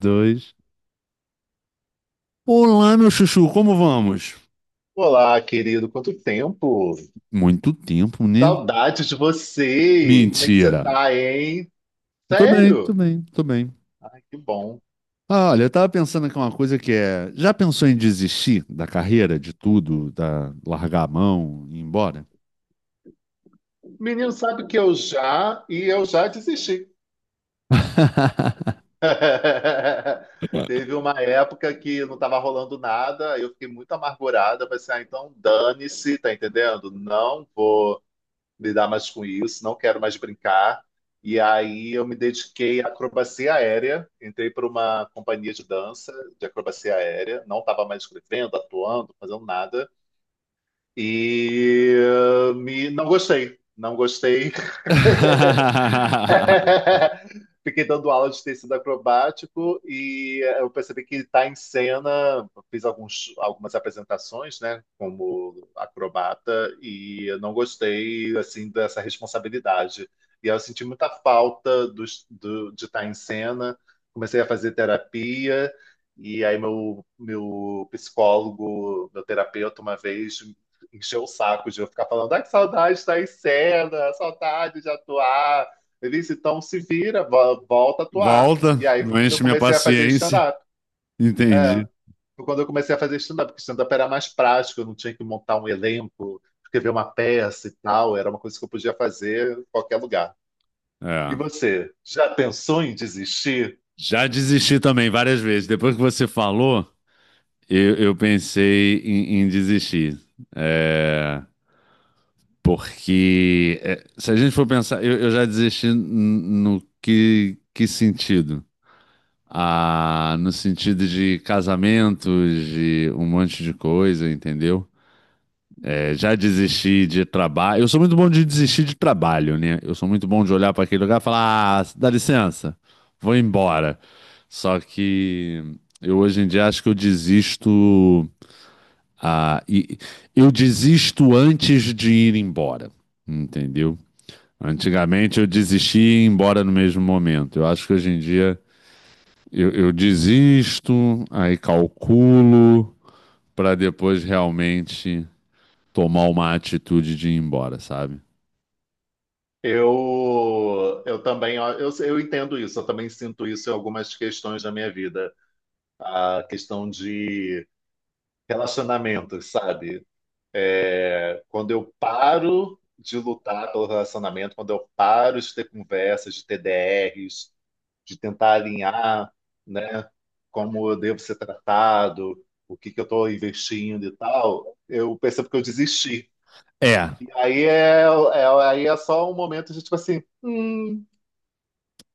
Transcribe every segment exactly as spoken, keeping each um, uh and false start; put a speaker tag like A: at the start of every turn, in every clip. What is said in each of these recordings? A: Dois. Olá, meu chuchu, como vamos?
B: Olá, querido, quanto tempo!
A: Muito tempo, né?
B: Saudades de você! Como é que você
A: Mentira.
B: tá, hein?
A: Tô bem, tô
B: Sério?
A: bem, tô bem.
B: Que bom.
A: Ah, olha, eu tava pensando aqui uma coisa que é. Já pensou em desistir da carreira, de tudo, da largar a mão e ir embora?
B: Menino, sabe que eu já e eu já desisti. Teve uma época que não estava rolando nada, eu fiquei muito amargurada, pensei, ah, então dane-se, tá entendendo? Não vou. Lidar mais com isso, não quero mais brincar. E aí eu me dediquei à acrobacia aérea, entrei para uma companhia de dança de acrobacia aérea, não estava mais escrevendo, atuando, fazendo nada, e eh, me, não gostei, não gostei. Fiquei dando aula de tecido acrobático e eu percebi que está em cena. Fiz alguns, algumas apresentações, né, como acrobata, e eu não gostei assim dessa responsabilidade. E eu senti muita falta dos- do- de estar em cena. Comecei a fazer terapia, e aí meu, meu psicólogo, meu terapeuta, uma vez encheu o saco de eu ficar falando, ai, que saudade de estar em cena, saudade de atuar. Ele disse, então se vira, vo- volta a atuar.
A: Volta,
B: E aí foi
A: não
B: quando eu
A: enche minha
B: comecei a fazer
A: paciência.
B: stand-up. É,
A: Entendi.
B: foi quando eu comecei a fazer stand-up, porque stand-up era mais prático, eu não tinha que montar um elenco, escrever uma peça e tal, era uma coisa que eu podia fazer em qualquer lugar. E
A: É.
B: você, já pensou em desistir?
A: Já desisti também várias vezes. Depois que você falou, eu, eu pensei em, em desistir. É, Porque é, se a gente for pensar, eu, eu já desisti n- no que, que sentido? Ah, no sentido de casamentos, de um monte de coisa, entendeu? É, já desisti de trabalho. Eu sou muito bom de desistir de trabalho, né? Eu sou muito bom de olhar para aquele lugar e falar: ah, dá licença, vou embora. Só que eu hoje em dia acho que eu desisto. Ah, e, eu desisto antes de ir embora, entendeu? Antigamente eu desistia e ia embora no mesmo momento. Eu acho que hoje em dia eu, eu desisto, aí calculo para depois realmente tomar uma atitude de ir embora, sabe?
B: Eu, eu também, ó, eu, eu entendo isso, eu também sinto isso em algumas questões da minha vida. A questão de relacionamentos, sabe? Quando eu paro de lutar pelo relacionamento, quando eu paro de ter conversas, de ter D Rs, de tentar alinhar, né, como eu devo ser tratado, o que que eu estou investindo e tal, eu percebo que eu desisti.
A: É.
B: E aí é, é- aí é só um momento de tipo assim, hum.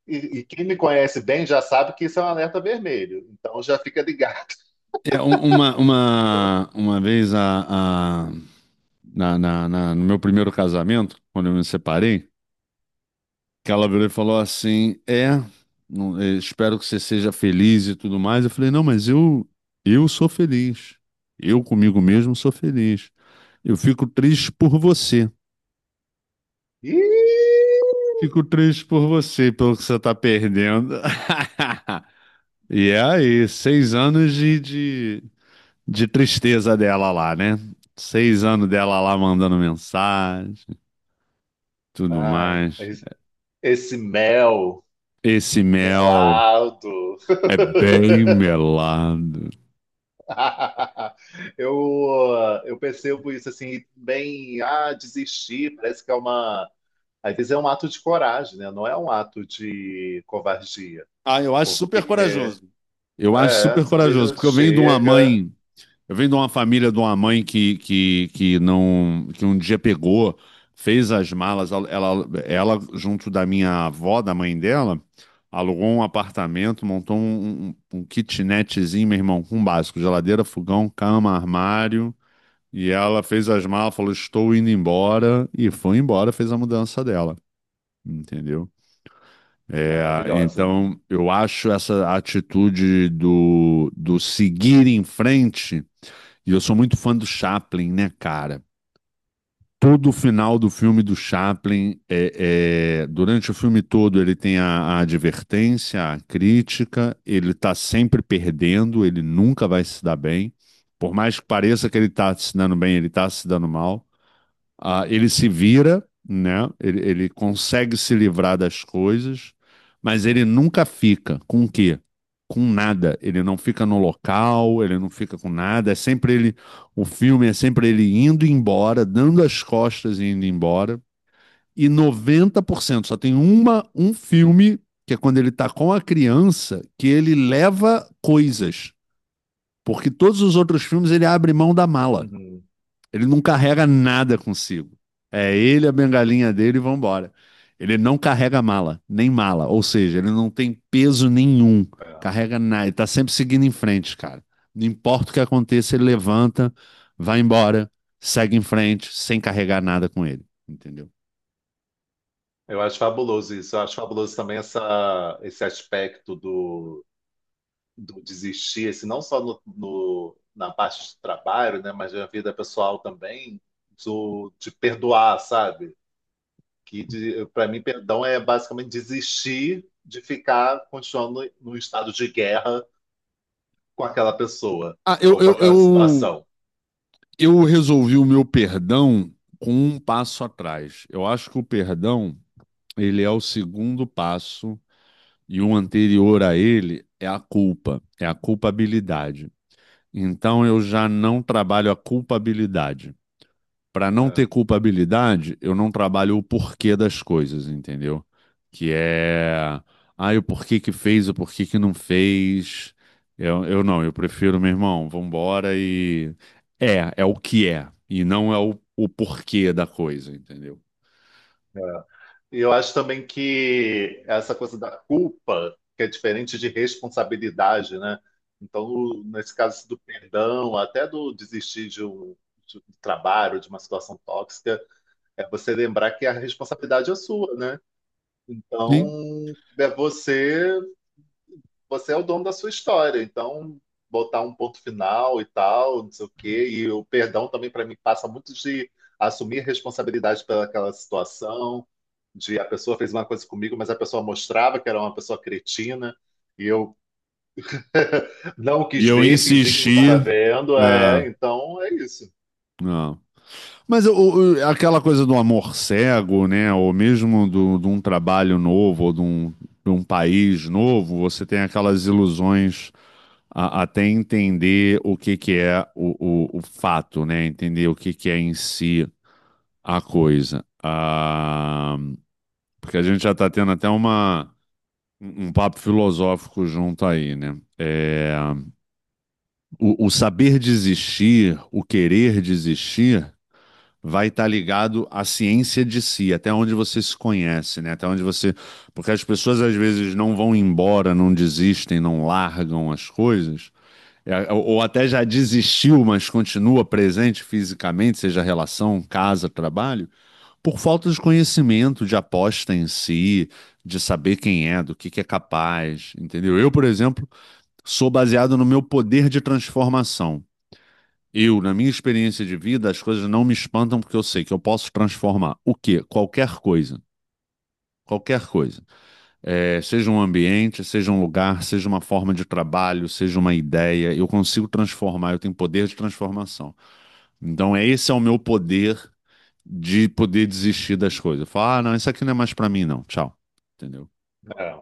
B: E, e quem me conhece bem já sabe que isso é um alerta vermelho, então já fica ligado.
A: É, um- uma, uma, uma vez a, a- na, na- na- no meu primeiro casamento, quando eu me separei, que ela virou e falou assim: É, não- eh, espero que você seja feliz e tudo mais. Eu falei: Não, mas eu, eu sou feliz. Eu comigo mesmo sou feliz. Eu fico triste por você.
B: Ih,
A: Fico triste por você, pelo que você tá perdendo. E é aí, seis anos de, de, de tristeza dela lá, né? Seis anos dela lá mandando mensagem, tudo
B: ai,
A: mais.
B: mas esse mel
A: Esse mel
B: melado.
A: é bem melado.
B: Eu, eu percebo isso assim, bem, ah, desistir, parece que é uma. Às vezes é um ato de coragem, né? Não é um ato de covardia.
A: Ah, eu acho
B: Porque
A: super corajoso. Eu acho
B: é,
A: super
B: sabe,
A: corajoso,
B: já
A: porque eu venho de uma
B: chega.
A: mãe. Eu venho de uma família de uma mãe que, que, que não que um dia pegou, fez as malas, ela, ela, ela, junto da minha avó, da mãe dela, alugou um apartamento, montou um, um, um kitnetzinho, meu irmão, com um básico, geladeira, fogão, cama, armário, e ela fez as malas, falou, estou indo embora, e foi embora, fez a mudança dela, entendeu? É,
B: Maravilhosa.
A: então, eu acho essa atitude do, do seguir em frente, e eu sou muito fã do Chaplin, né, cara? Todo o final do filme do Chaplin, é, é- durante o filme todo, ele tem a, a advertência, a crítica, ele tá sempre perdendo, ele nunca vai se dar bem. Por mais que pareça que ele tá se dando bem, ele tá se dando mal. Ah, ele se vira, né? Ele, ele consegue se livrar das coisas, mas ele nunca fica. Com o quê? Com nada. Ele não fica no local, ele não fica com nada. É sempre ele. O filme é sempre ele indo embora, dando as costas e indo embora. E noventa por cento só tem uma, um filme, que é quando ele tá com a criança, que ele leva coisas. Porque todos os outros filmes ele abre mão da mala.
B: Uhum,
A: Ele não carrega nada consigo. É ele, a bengalinha dele e vambora. Ele não carrega mala, nem mala. Ou seja, ele não tem peso nenhum.
B: é.
A: Carrega nada. Ele tá sempre seguindo em frente, cara. Não importa o que aconteça, ele levanta, vai embora, segue em frente, sem carregar nada com ele. Entendeu?
B: Eu acho fabuloso isso. Eu acho fabuloso também essa, esse aspecto do, do desistir, esse, não só no, no- na parte de trabalho, né? Mas na vida pessoal também, do, de perdoar, sabe? Que para mim perdão é basicamente desistir de ficar continuando num estado de guerra com aquela pessoa
A: Ah, eu,
B: ou com
A: eu,
B: aquela
A: eu,
B: situação.
A: eu resolvi o meu perdão com um passo atrás. Eu acho que o perdão, ele é o segundo passo, e um anterior a ele é a culpa, é a culpabilidade. Então eu já não trabalho a culpabilidade. Para não
B: É,
A: ter culpabilidade, eu não trabalho o porquê das coisas, entendeu? Que é, ah, o porquê que fez, o porquê que não fez. Eu, eu não, eu prefiro, meu irmão, vambora. e é, é o que é, e não é o, o porquê da coisa, entendeu?
B: é. E eu acho também que essa coisa da culpa, que é diferente de responsabilidade, né? Então, o- nesse caso do perdão, até do desistir de um, de um trabalho, de uma situação tóxica, é você lembrar que a responsabilidade é sua, né?
A: Sim.
B: Então, é você você é o dono da sua história, então botar um ponto final e tal, não sei o quê, e o perdão também para mim passa muito de assumir responsabilidade pelaquela situação, de a pessoa fez uma coisa comigo, mas a pessoa mostrava que era uma pessoa cretina e eu não
A: E
B: quis
A: eu
B: ver, fingi que não
A: insisti.
B: estava vendo,
A: É,
B: é, então é isso.
A: não. Mas o- o- aquela coisa do amor cego, né? Ou mesmo do, de um trabalho novo, ou de um, de um país novo, você tem aquelas ilusões a- até entender o que que é o, o, o fato, né? Entender o que que é em si a coisa. Ah, porque a gente já está tendo até uma, um um papo filosófico junto aí, né? É, o, o saber desistir, o querer desistir, vai estar ligado à ciência de si, até onde você se conhece, né? Até onde você. Porque as pessoas às vezes não vão embora, não desistem, não largam as coisas. É. Ou ou até já desistiu, mas continua presente fisicamente, seja relação, casa, trabalho, por falta de conhecimento, de aposta em si, de saber quem é, do que que é capaz, entendeu? Eu, por exemplo, sou baseado no meu poder de transformação. Eu, na minha experiência de vida, as coisas não me espantam porque eu sei que eu posso transformar o quê? Qualquer coisa. Qualquer coisa. É, seja um ambiente, seja um lugar, seja uma forma de trabalho, seja uma ideia, eu consigo transformar, eu tenho poder de transformação. Então, é esse é o meu poder de poder desistir das coisas. Eu falo, ah, não, isso aqui não é mais pra mim, não. Tchau. Entendeu?
B: É.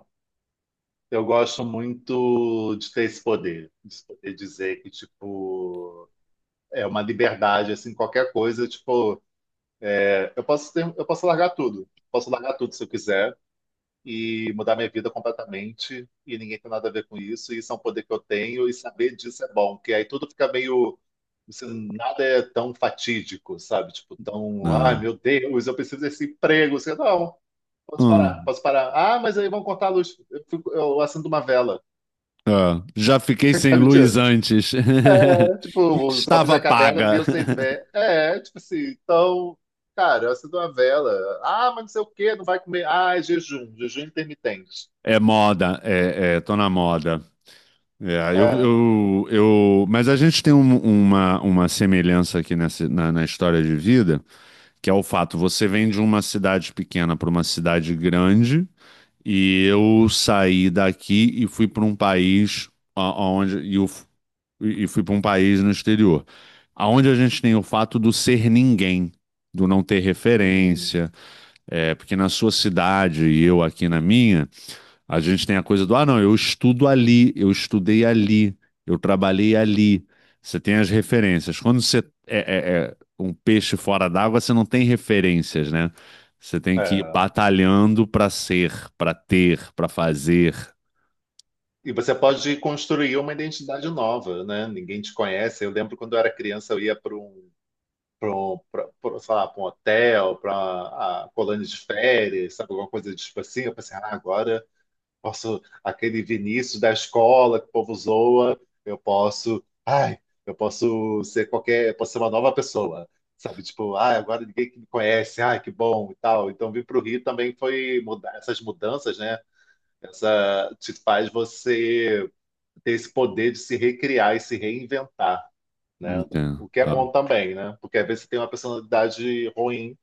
B: Eu gosto muito de ter esse poder, de poder dizer que, tipo, é uma liberdade, assim, qualquer coisa, tipo, é, eu posso ter, eu posso largar tudo. Posso largar tudo se eu quiser e mudar minha vida completamente e ninguém tem nada a ver com isso. E isso é um poder que eu tenho e saber disso é bom, porque aí tudo fica meio assim, nada é tão fatídico, sabe? Tipo, tão,
A: Ah,
B: ai meu Deus, eu preciso desse emprego. Você, não, posso
A: ah,
B: parar, posso parar. Ah, mas aí vão cortar a luz. Eu, fico, eu acendo uma vela,
A: ah, já fiquei sem
B: sabe?
A: luz
B: Tipo,
A: antes.
B: é, tipo, os Homens
A: Estava
B: da Caverna
A: paga.
B: viam sem vela. É, tipo assim, então, cara, eu acendo uma vela. Ah, mas não sei o quê, não vai comer. Ah, é jejum, jejum intermitente.
A: É moda, é, é, tô na moda. É, eu,
B: É,
A: eu, eu, mas a gente tem um- uma, uma semelhança aqui nessa, na, na história de vida, que é o fato, você vem de uma cidade pequena para uma cidade grande, e eu saí daqui e fui para um país a- aonde e, eu f- e fui para um país no exterior, aonde a gente tem o fato do ser ninguém, do não ter
B: uhum,
A: referência, é, porque na sua cidade e eu aqui na minha, a gente tem a coisa do, ah, não, eu estudo ali, eu estudei ali, eu trabalhei ali. Você tem as referências. Quando você é, é- é um peixe fora d'água, você não tem referências, né? Você tem que ir
B: é.
A: batalhando para ser, para ter, para fazer.
B: E você pode construir uma identidade nova, né? Ninguém te conhece. Eu lembro quando eu era criança, eu ia para um, para um, pra, pra, sei lá, para um hotel, para a colônia de férias, sabe, alguma coisa tipo assim. Eu pensei, ah, agora. Posso, aquele Vinícius da escola que o povo zoa, eu posso, ai, eu posso ser qualquer, eu posso ser uma nova pessoa, sabe? Tipo, ai, agora ninguém que me conhece, ai, que bom e tal. Então, vir para o Rio também foi mudar essas mudanças, né? Essa te faz você ter esse poder de se recriar e se reinventar, né?
A: Entendo.
B: O que é
A: Ah.
B: bom também, né? Porque às vezes você tem uma personalidade ruim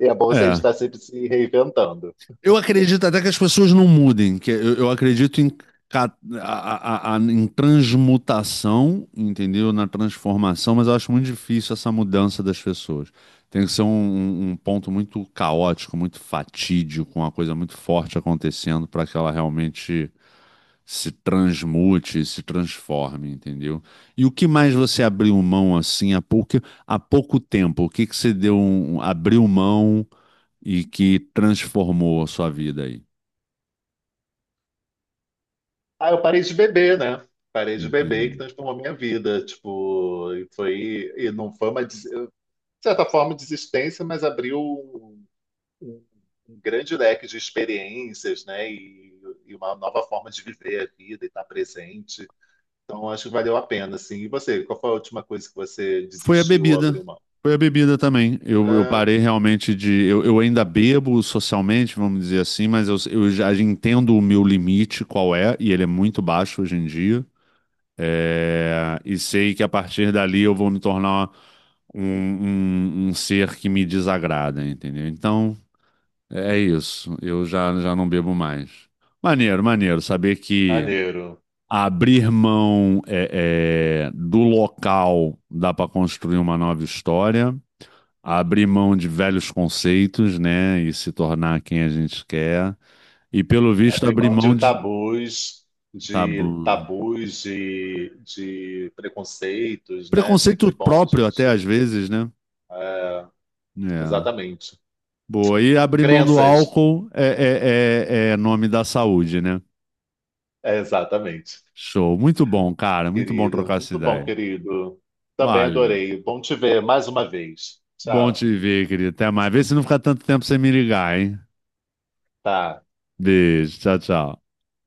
B: e é bom você
A: É,
B: estar sempre se reinventando.
A: eu acredito até que as pessoas não mudem, que eu, eu acredito em, ca- a- a- a- em transmutação, entendeu? Na transformação, mas eu acho muito difícil essa mudança das pessoas. Tem que ser um, um um ponto muito caótico, muito fatídico, uma coisa muito forte acontecendo para que ela realmente se transmute, se transforme, entendeu? E o que mais você abriu mão assim há pouco, há pouco tempo? O que que você deu, um- um, abriu mão e que transformou a sua vida aí?
B: Ah, eu parei de beber, né? Parei de beber que
A: Entendi.
B: transformou minha vida. Tipo, e foi, e não foi uma, des- de certa forma, desistência, mas abriu um, um- um grande leque de experiências, né? E, e uma nova forma de viver a vida e estar presente. Então, acho que valeu a pena, assim. E você, qual foi a última coisa que você
A: Foi a
B: desistiu ou
A: bebida.
B: abriu mão?
A: Foi a bebida também. Eu, eu
B: Ah,
A: parei realmente de. Eu, eu ainda bebo socialmente, vamos dizer assim, mas eu, eu já entendo o meu limite, qual é, e ele é muito baixo hoje em dia. É, e sei que a partir dali eu vou me tornar um, um, um ser que me desagrada, entendeu? Então, é isso. Eu já, já não bebo mais. Maneiro, maneiro. Saber que.
B: maneiro.
A: Abrir mão é, é, do local dá para construir uma nova história, abrir mão de velhos conceitos, né, e se tornar quem a gente quer, e pelo visto
B: Abrir
A: abrir
B: mão
A: mão
B: de
A: de
B: tabus, de
A: tabu,
B: tabus, de, de preconceitos, né? É
A: preconceito
B: sempre bom
A: próprio até
B: gente.
A: às vezes, né?
B: É,
A: É.
B: exatamente.
A: Boa, e abrir mão do
B: Crenças.
A: álcool é, é, é, é nome da saúde, né?
B: É, exatamente.
A: Show, muito bom, cara, muito bom
B: Querido.
A: trocar essa
B: Muito bom,
A: ideia.
B: querido. Também
A: Valeu.
B: adorei. Bom te ver mais uma vez.
A: Bom
B: Tchau.
A: te ver, querido. Até mais. Vê se não fica tanto tempo sem me ligar, hein?
B: Tá.
A: Beijo, tchau, tchau.